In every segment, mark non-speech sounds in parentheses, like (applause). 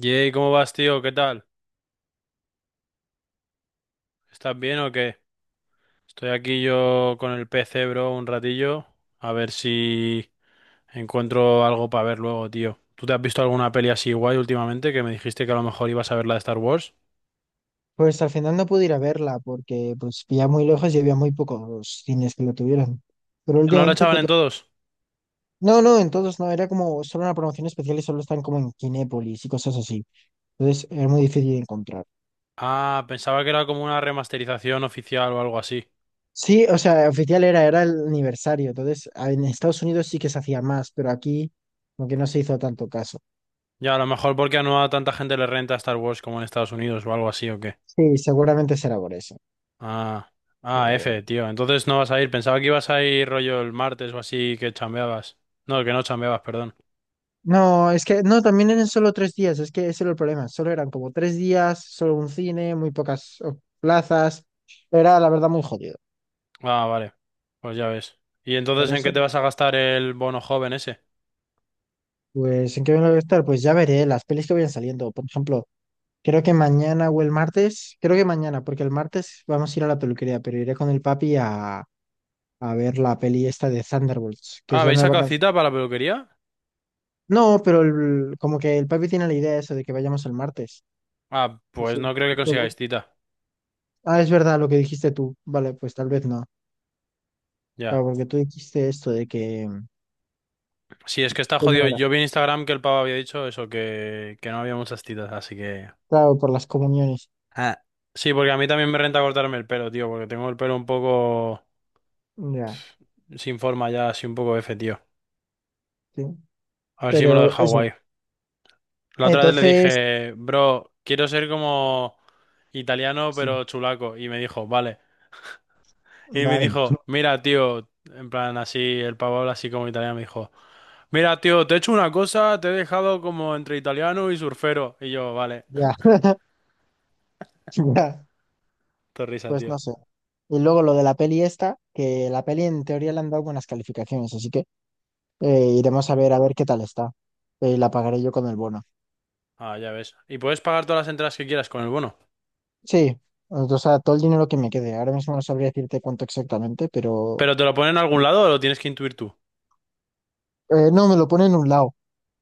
Yey, ¿cómo vas, tío? ¿Qué tal? ¿Estás bien o qué? Estoy aquí yo con el PC, bro, un ratillo. A ver si encuentro algo para ver luego, tío. ¿Tú te has visto alguna peli así guay últimamente que me dijiste que a lo mejor ibas a ver la de Star Wars? Pues al final no pude ir a verla porque pues ya muy lejos y había muy pocos cines que lo tuvieran. Pero ¿No la últimamente... echaban en todos? No, no, en todos no, era como solo una promoción especial y solo están como en Kinépolis y cosas así. Entonces era muy difícil de encontrar. Ah, pensaba que era como una remasterización oficial o algo así. Sí, o sea, oficial era, era el aniversario. Entonces en Estados Unidos sí que se hacía más, pero aquí como que no se hizo tanto caso. Ya, a lo mejor porque a no a tanta gente le renta Star Wars como en Estados Unidos o algo así o qué. Sí, seguramente será por eso. Ah, ah, Pero F, bueno. tío. Entonces no vas a ir. Pensaba que ibas a ir rollo el martes o así que chambeabas. No, que no chambeabas, perdón. No, es que no, también eran solo tres días, es que ese era el problema, solo eran como tres días, solo un cine, muy pocas plazas, era la verdad muy jodido. Ah, vale. Pues ya ves. ¿Y Por entonces en eso, qué te vas a gastar el bono joven ese? pues, ¿en qué me voy a estar? Pues ya veré las pelis que vayan saliendo, por ejemplo, creo que mañana o el martes, creo que mañana, porque el martes vamos a ir a la peluquería, pero iré con el papi a ver la peli esta de Thunderbolts, que Ah, es la ¿habéis nueva sacado canción. cita para la peluquería? No, pero como que el papi tiene la idea de eso, de que vayamos el martes. Ah, pues Así, no creo que luego- consigáis cita. Ah, es verdad lo que dijiste tú, vale, pues tal vez no. Claro, Ya. porque tú dijiste esto de Sí, es que está ¿cómo jodido. era? Yo vi en Instagram que el pavo había dicho eso, que no había muchas citas, así que... Claro, por las comuniones. Ah. Sí, porque a mí también me renta cortarme el pelo, tío, porque tengo el pelo un poco Ya, sin forma ya, así un poco F, tío. sí. A ver si me lo Pero deja eso, guay. La otra vez le entonces, dije, bro, quiero ser como italiano sí, pero chulaco. Y me dijo, vale. Y me vale, dijo, (laughs) mira, tío, en plan así, el pavo habla así como italiano, me dijo, mira, tío, te he hecho una cosa, te he dejado como entre italiano y surfero. Y yo, vale, ya, (laughs) ya, te risa, pues tío. no sé. Y luego lo de la peli esta, que la peli en teoría le han dado buenas calificaciones, así que iremos a ver qué tal está. La pagaré yo con el bono. Ah, ya ves. Y puedes pagar todas las entradas que quieras con el bono. Sí, o sea, todo el dinero que me quede. Ahora mismo no sabría decirte cuánto exactamente, pero ¿Pero te lo ponen en algún lado o lo tienes que intuir tú? No, me lo pone en un lado.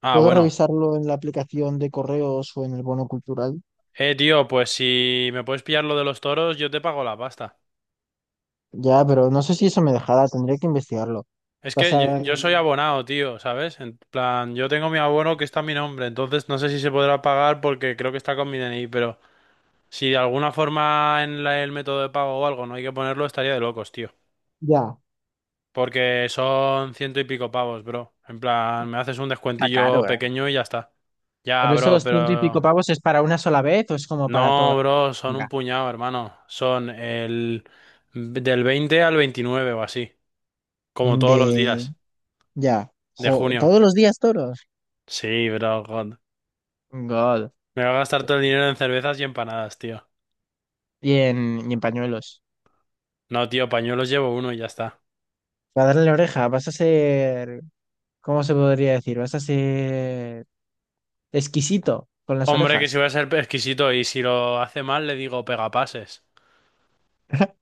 Ah, Puedo bueno. revisarlo en la aplicación de correos o en el bono cultural. Tío, pues si me puedes pillar lo de los toros, yo te pago la pasta. Ya, pero no sé si eso me dejará, tendría que investigarlo. Es que yo, Pasar yo soy en- abonado, tío, ¿sabes? En plan, yo tengo mi abono que está a mi nombre, entonces no sé si se podrá pagar porque creo que está con mi DNI, pero... Si de alguna forma en el método de pago o algo no hay que ponerlo, estaría de locos, tío. Ya. Porque son ciento y pico pavos, bro. En plan, me haces un Está caro, descuentillo ¿eh? pequeño y ya está. Ya, ¿Pero bro, esos ciento y pico pero... pavos es para una sola vez o es como para toda No, la bro, son un vida? puñado, hermano. Son del 20 al 29 o así. Como todos los De... días Ya. de Jo, junio. ¿todos los días toros? Sí, bro, God. God. Me voy a gastar todo el dinero en cervezas y empanadas, tío. Y y en pañuelos. No, tío, pañuelos llevo uno y ya está. Para darle la oreja, vas a ser... ¿Cómo se podría decir? Vas a ser exquisito con las Hombre, que si orejas. voy a ser exquisito y si lo hace mal le digo pegapases. (laughs)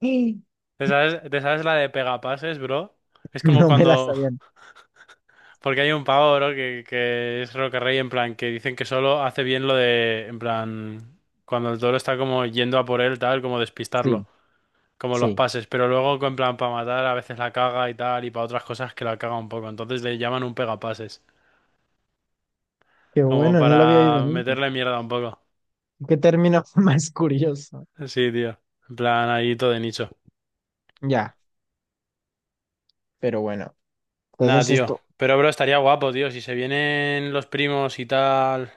Sí. ¿Te sabes la de pegapases, bro? Es como No me las cuando... sabían. (laughs) Porque hay un pavo, bro, que es Roque Rey, en plan, que dicen que solo hace bien lo de... En plan, cuando el toro está como yendo a por él, tal, como Sí, despistarlo, como los sí. pases. Pero luego, en plan, para matar, a veces la caga y tal, y para otras cosas que la caga un poco. Entonces le llaman un pegapases, Qué como bueno, no lo había oído para nunca. meterle mierda un poco. Qué término (laughs) más curioso. Sí, tío. En plan, ahí todo de nicho. Ya, pero bueno. Nada, Entonces tío. esto, Pero, bro, estaría guapo, tío. Si se vienen los primos y tal.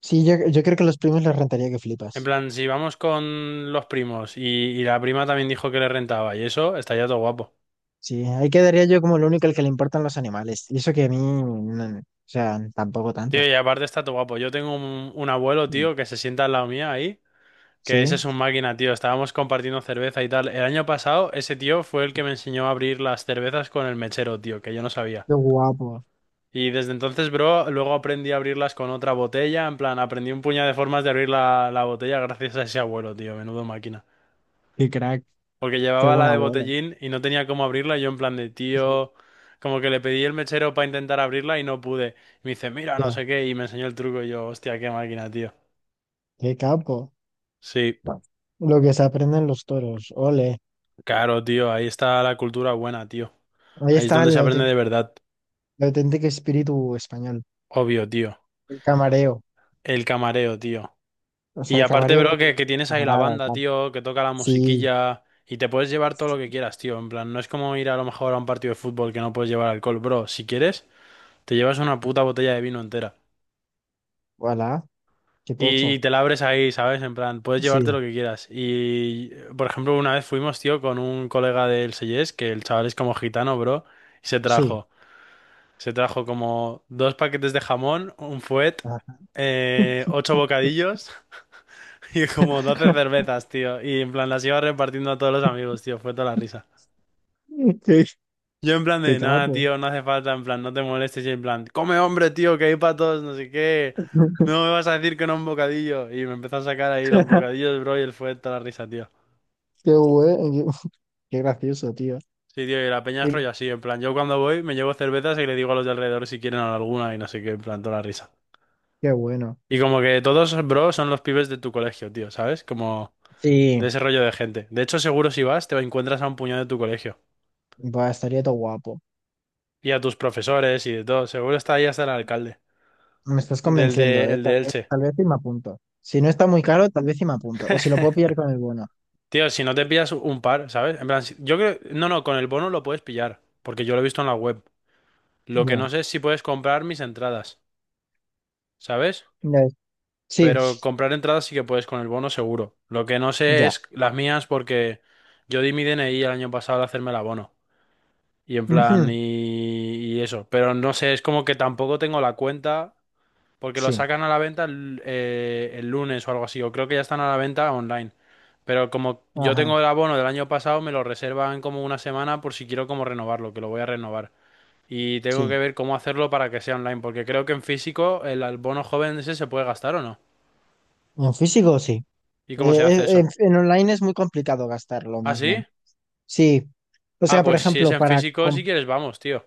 sí, yo creo que a los primos les rentaría que En flipas. plan, si vamos con los primos y la prima también dijo que le rentaba y eso, estaría todo guapo. Sí, ahí quedaría yo como el único al que le importan los animales. Y eso que a mí, o sea, tampoco tanto. Tío, y aparte está todo guapo. Yo tengo un abuelo, Mm, tío, que se sienta al lado mía ahí, que ese sí, es un máquina, tío. Estábamos compartiendo cerveza y tal. El año pasado, ese tío fue el que me enseñó a abrir las cervezas con el mechero, tío, que yo no sabía. qué guapo, Y desde entonces, bro, luego aprendí a abrirlas con otra botella. En plan, aprendí un puñado de formas de abrir la botella gracias a ese abuelo, tío. Menudo máquina. qué crack, Porque qué llevaba buen la de abuelo. botellín y no tenía cómo abrirla. Y yo en plan de Sí, tío, como que le pedí el mechero para intentar abrirla y no pude. Y me dice, mira, no ya, sé qué, y me enseñó el truco y yo, hostia, qué máquina, tío. qué capo. Sí, Lo que se aprenden los toros, ole. claro, tío, ahí está la cultura buena, tío. Ahí Ahí es está donde se aprende de auténtico, verdad. el auténtico espíritu español, Obvio, tío. el camareo. El camareo, tío. O Y sea, aparte, camarero, no, bro, pero que tienes ahí la camarada, banda, tal. tío, que toca la Sí, musiquilla y te puedes llevar todo lo que quieras, tío. En plan, no es como ir a lo mejor a un partido de fútbol que no puedes llevar alcohol, bro. Si quieres, te llevas una puta botella de vino entera. voilà, qué Y tocho. te la abres ahí, ¿sabes? En plan, puedes Sí, llevarte lo que quieras. Y, por ejemplo, una vez fuimos, tío, con un colega del Seyes, que el chaval es como gitano, bro, y se sí. trajo, se trajo como dos paquetes de jamón, un fuet, Ah, ocho bocadillos (laughs) y como 12 (laughs) cervezas, tío. Y en plan, las iba repartiendo a todos los amigos, tío, fue toda la risa. qué, Yo en plan qué de, nada, capo. tío, no hace falta, en plan, no te molestes, y en plan, come hombre, tío, que hay para todos, no sé qué, (laughs) no me vas a decir que no un bocadillo, y me empezó a sacar ahí los bocadillos, bro, y él fue toda la risa, tío. Qué bueno, qué, qué gracioso, tío. Sí, tío, y la peña Qué, es rollo así, en plan, yo cuando voy me llevo cervezas y le digo a los de alrededor si quieren alguna y no sé qué, en plan, toda la risa. qué bueno. Y como que todos, bro, son los pibes de tu colegio, tío, ¿sabes? Como Sí, de ese rollo de gente. De hecho, seguro si vas, te encuentras a un puñado de tu colegio, va, estaría todo guapo. y a tus profesores y de todo, seguro está ahí hasta el alcalde, Me estás del convenciendo, de, ¿eh? el de Elche. Tal vez y me apunto. Si no está muy caro, tal vez y me apunto. O si lo puedo pillar con el bono. Tío, si no te pillas un par, ¿sabes? En plan, yo creo... No, no, con el bono lo puedes pillar, porque yo lo he visto en la web. Lo que no Ya. sé es si puedes comprar mis entradas, ¿sabes? Ya es- Sí, Pero comprar entradas sí que puedes con el bono seguro. Lo que no sé ya. es las mías porque yo di mi DNI el año pasado al hacerme el abono. Y en plan, Ujú, y eso. Pero no sé, es como que tampoco tengo la cuenta, porque lo sí. sacan a la venta el lunes o algo así, o creo que ya están a la venta online. Pero como yo Ajá. tengo el abono del año pasado, me lo reservan como una semana por si quiero como renovarlo, que lo voy a renovar. Y tengo Sí. que ver cómo hacerlo para que sea online, porque creo que en físico el abono joven ese se puede gastar o no. En físico, sí. ¿Y cómo se hace eso? En online es muy complicado gastarlo, ¿Ah, más bien. sí? Sí. O sea, Ah, por pues si es ejemplo, en físico, si quieres, vamos, tío.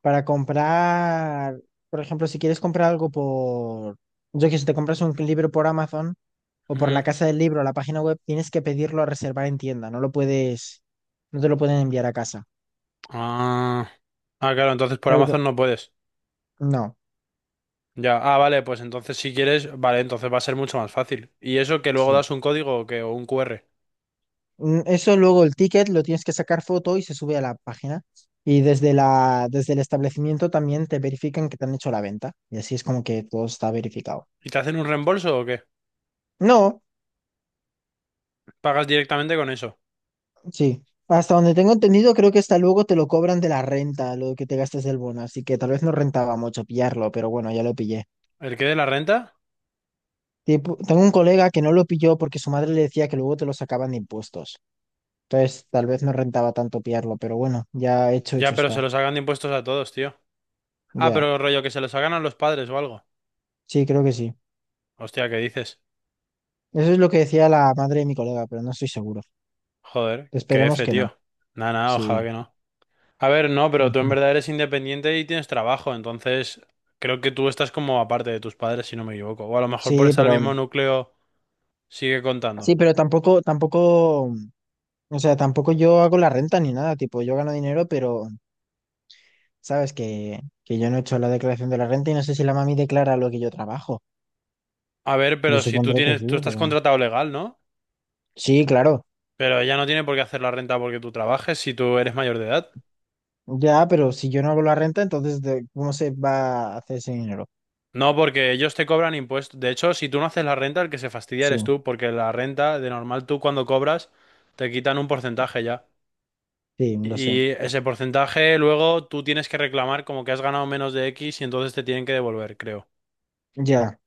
Para comprar, por ejemplo, si quieres comprar algo yo que sé, te compras un libro por Amazon o por la Ujú. casa del libro, la página web, tienes que pedirlo a reservar en tienda, no lo puedes, no te lo pueden enviar a casa. Ah, ah, claro, entonces por La verdad- Amazon no puedes. No, Ya, ah, vale, pues entonces si quieres, vale, entonces va a ser mucho más fácil. ¿Y eso que luego sí. das un código o qué? O un QR. Mm, eso luego el ticket lo tienes que sacar foto y se sube a la página. Y desde desde el establecimiento también te verifican que te han hecho la venta. Y así es como que todo está verificado. ¿Y te hacen un reembolso o qué? No. ¿Pagas directamente con eso? Sí, hasta donde tengo entendido, creo que hasta luego te lo cobran de la renta, lo que te gastes del bono, así que tal vez no rentaba mucho pillarlo, pero bueno, ya lo pillé. ¿El qué de la renta? Tipo, tengo un colega que no lo pilló porque su madre le decía que luego te lo sacaban de impuestos. Entonces, tal vez no rentaba tanto pillarlo, pero bueno, ya hecho, hecho Ya, pero se está. los hagan de impuestos a todos, tío. Ah, Ya, pero rollo que se los hagan a los padres o algo. sí, creo que sí. Hostia, ¿qué dices? Eso es lo que decía la madre de mi colega, pero no estoy seguro. Joder, qué Esperemos F, que no. tío. Nada, nada, ojalá Sí. que no. A ver, no, pero tú en Ujú. verdad eres independiente y tienes trabajo, entonces creo que tú estás como aparte de tus padres, si no me equivoco. O a lo mejor por Sí, estar en el pero mismo núcleo sigue contando. sí, pero tampoco, tampoco, o sea, tampoco yo hago la renta ni nada, tipo, yo gano dinero, pero sabes que yo no he hecho la declaración de la renta y no sé si la mami declara lo que yo trabajo. A ver, Yo pero si supondré que sí, tú estás pero... contratado legal, ¿no? Sí, claro. Pero ella no tiene por qué hacer la renta porque tú trabajes si tú eres mayor de edad. Ya, pero si yo no hago la renta, entonces ¿de ¿cómo se va a hacer ese dinero? No, porque ellos te cobran impuestos. De hecho, si tú no haces la renta, el que se fastidia Sí, eres tú, porque la renta, de normal, tú cuando cobras, te quitan un porcentaje ya. sí, lo sé. Y ese porcentaje luego tú tienes que reclamar como que has ganado menos de X y entonces te tienen que devolver, creo. Ya.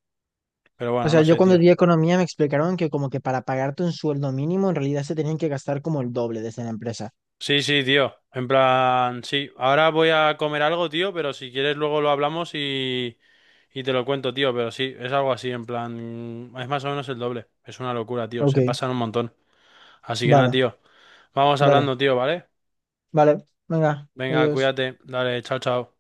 Pero O bueno, sea, no yo sé, cuando tío. di economía me explicaron que como que para pagarte un sueldo mínimo en realidad se tenían que gastar como el doble desde la empresa. Sí, sí, tío. En plan, sí. Ahora voy a comer algo, tío, pero si quieres luego lo hablamos y te lo cuento, tío. Pero sí, es algo así, en plan, es más o menos el doble. Es una locura, tío. Ok, Se pasan un montón. Así que nada, vale, tío. Vamos dale, hablando, tío, ¿vale? vale, venga, Venga, adiós. cuídate. Dale, chao, chao.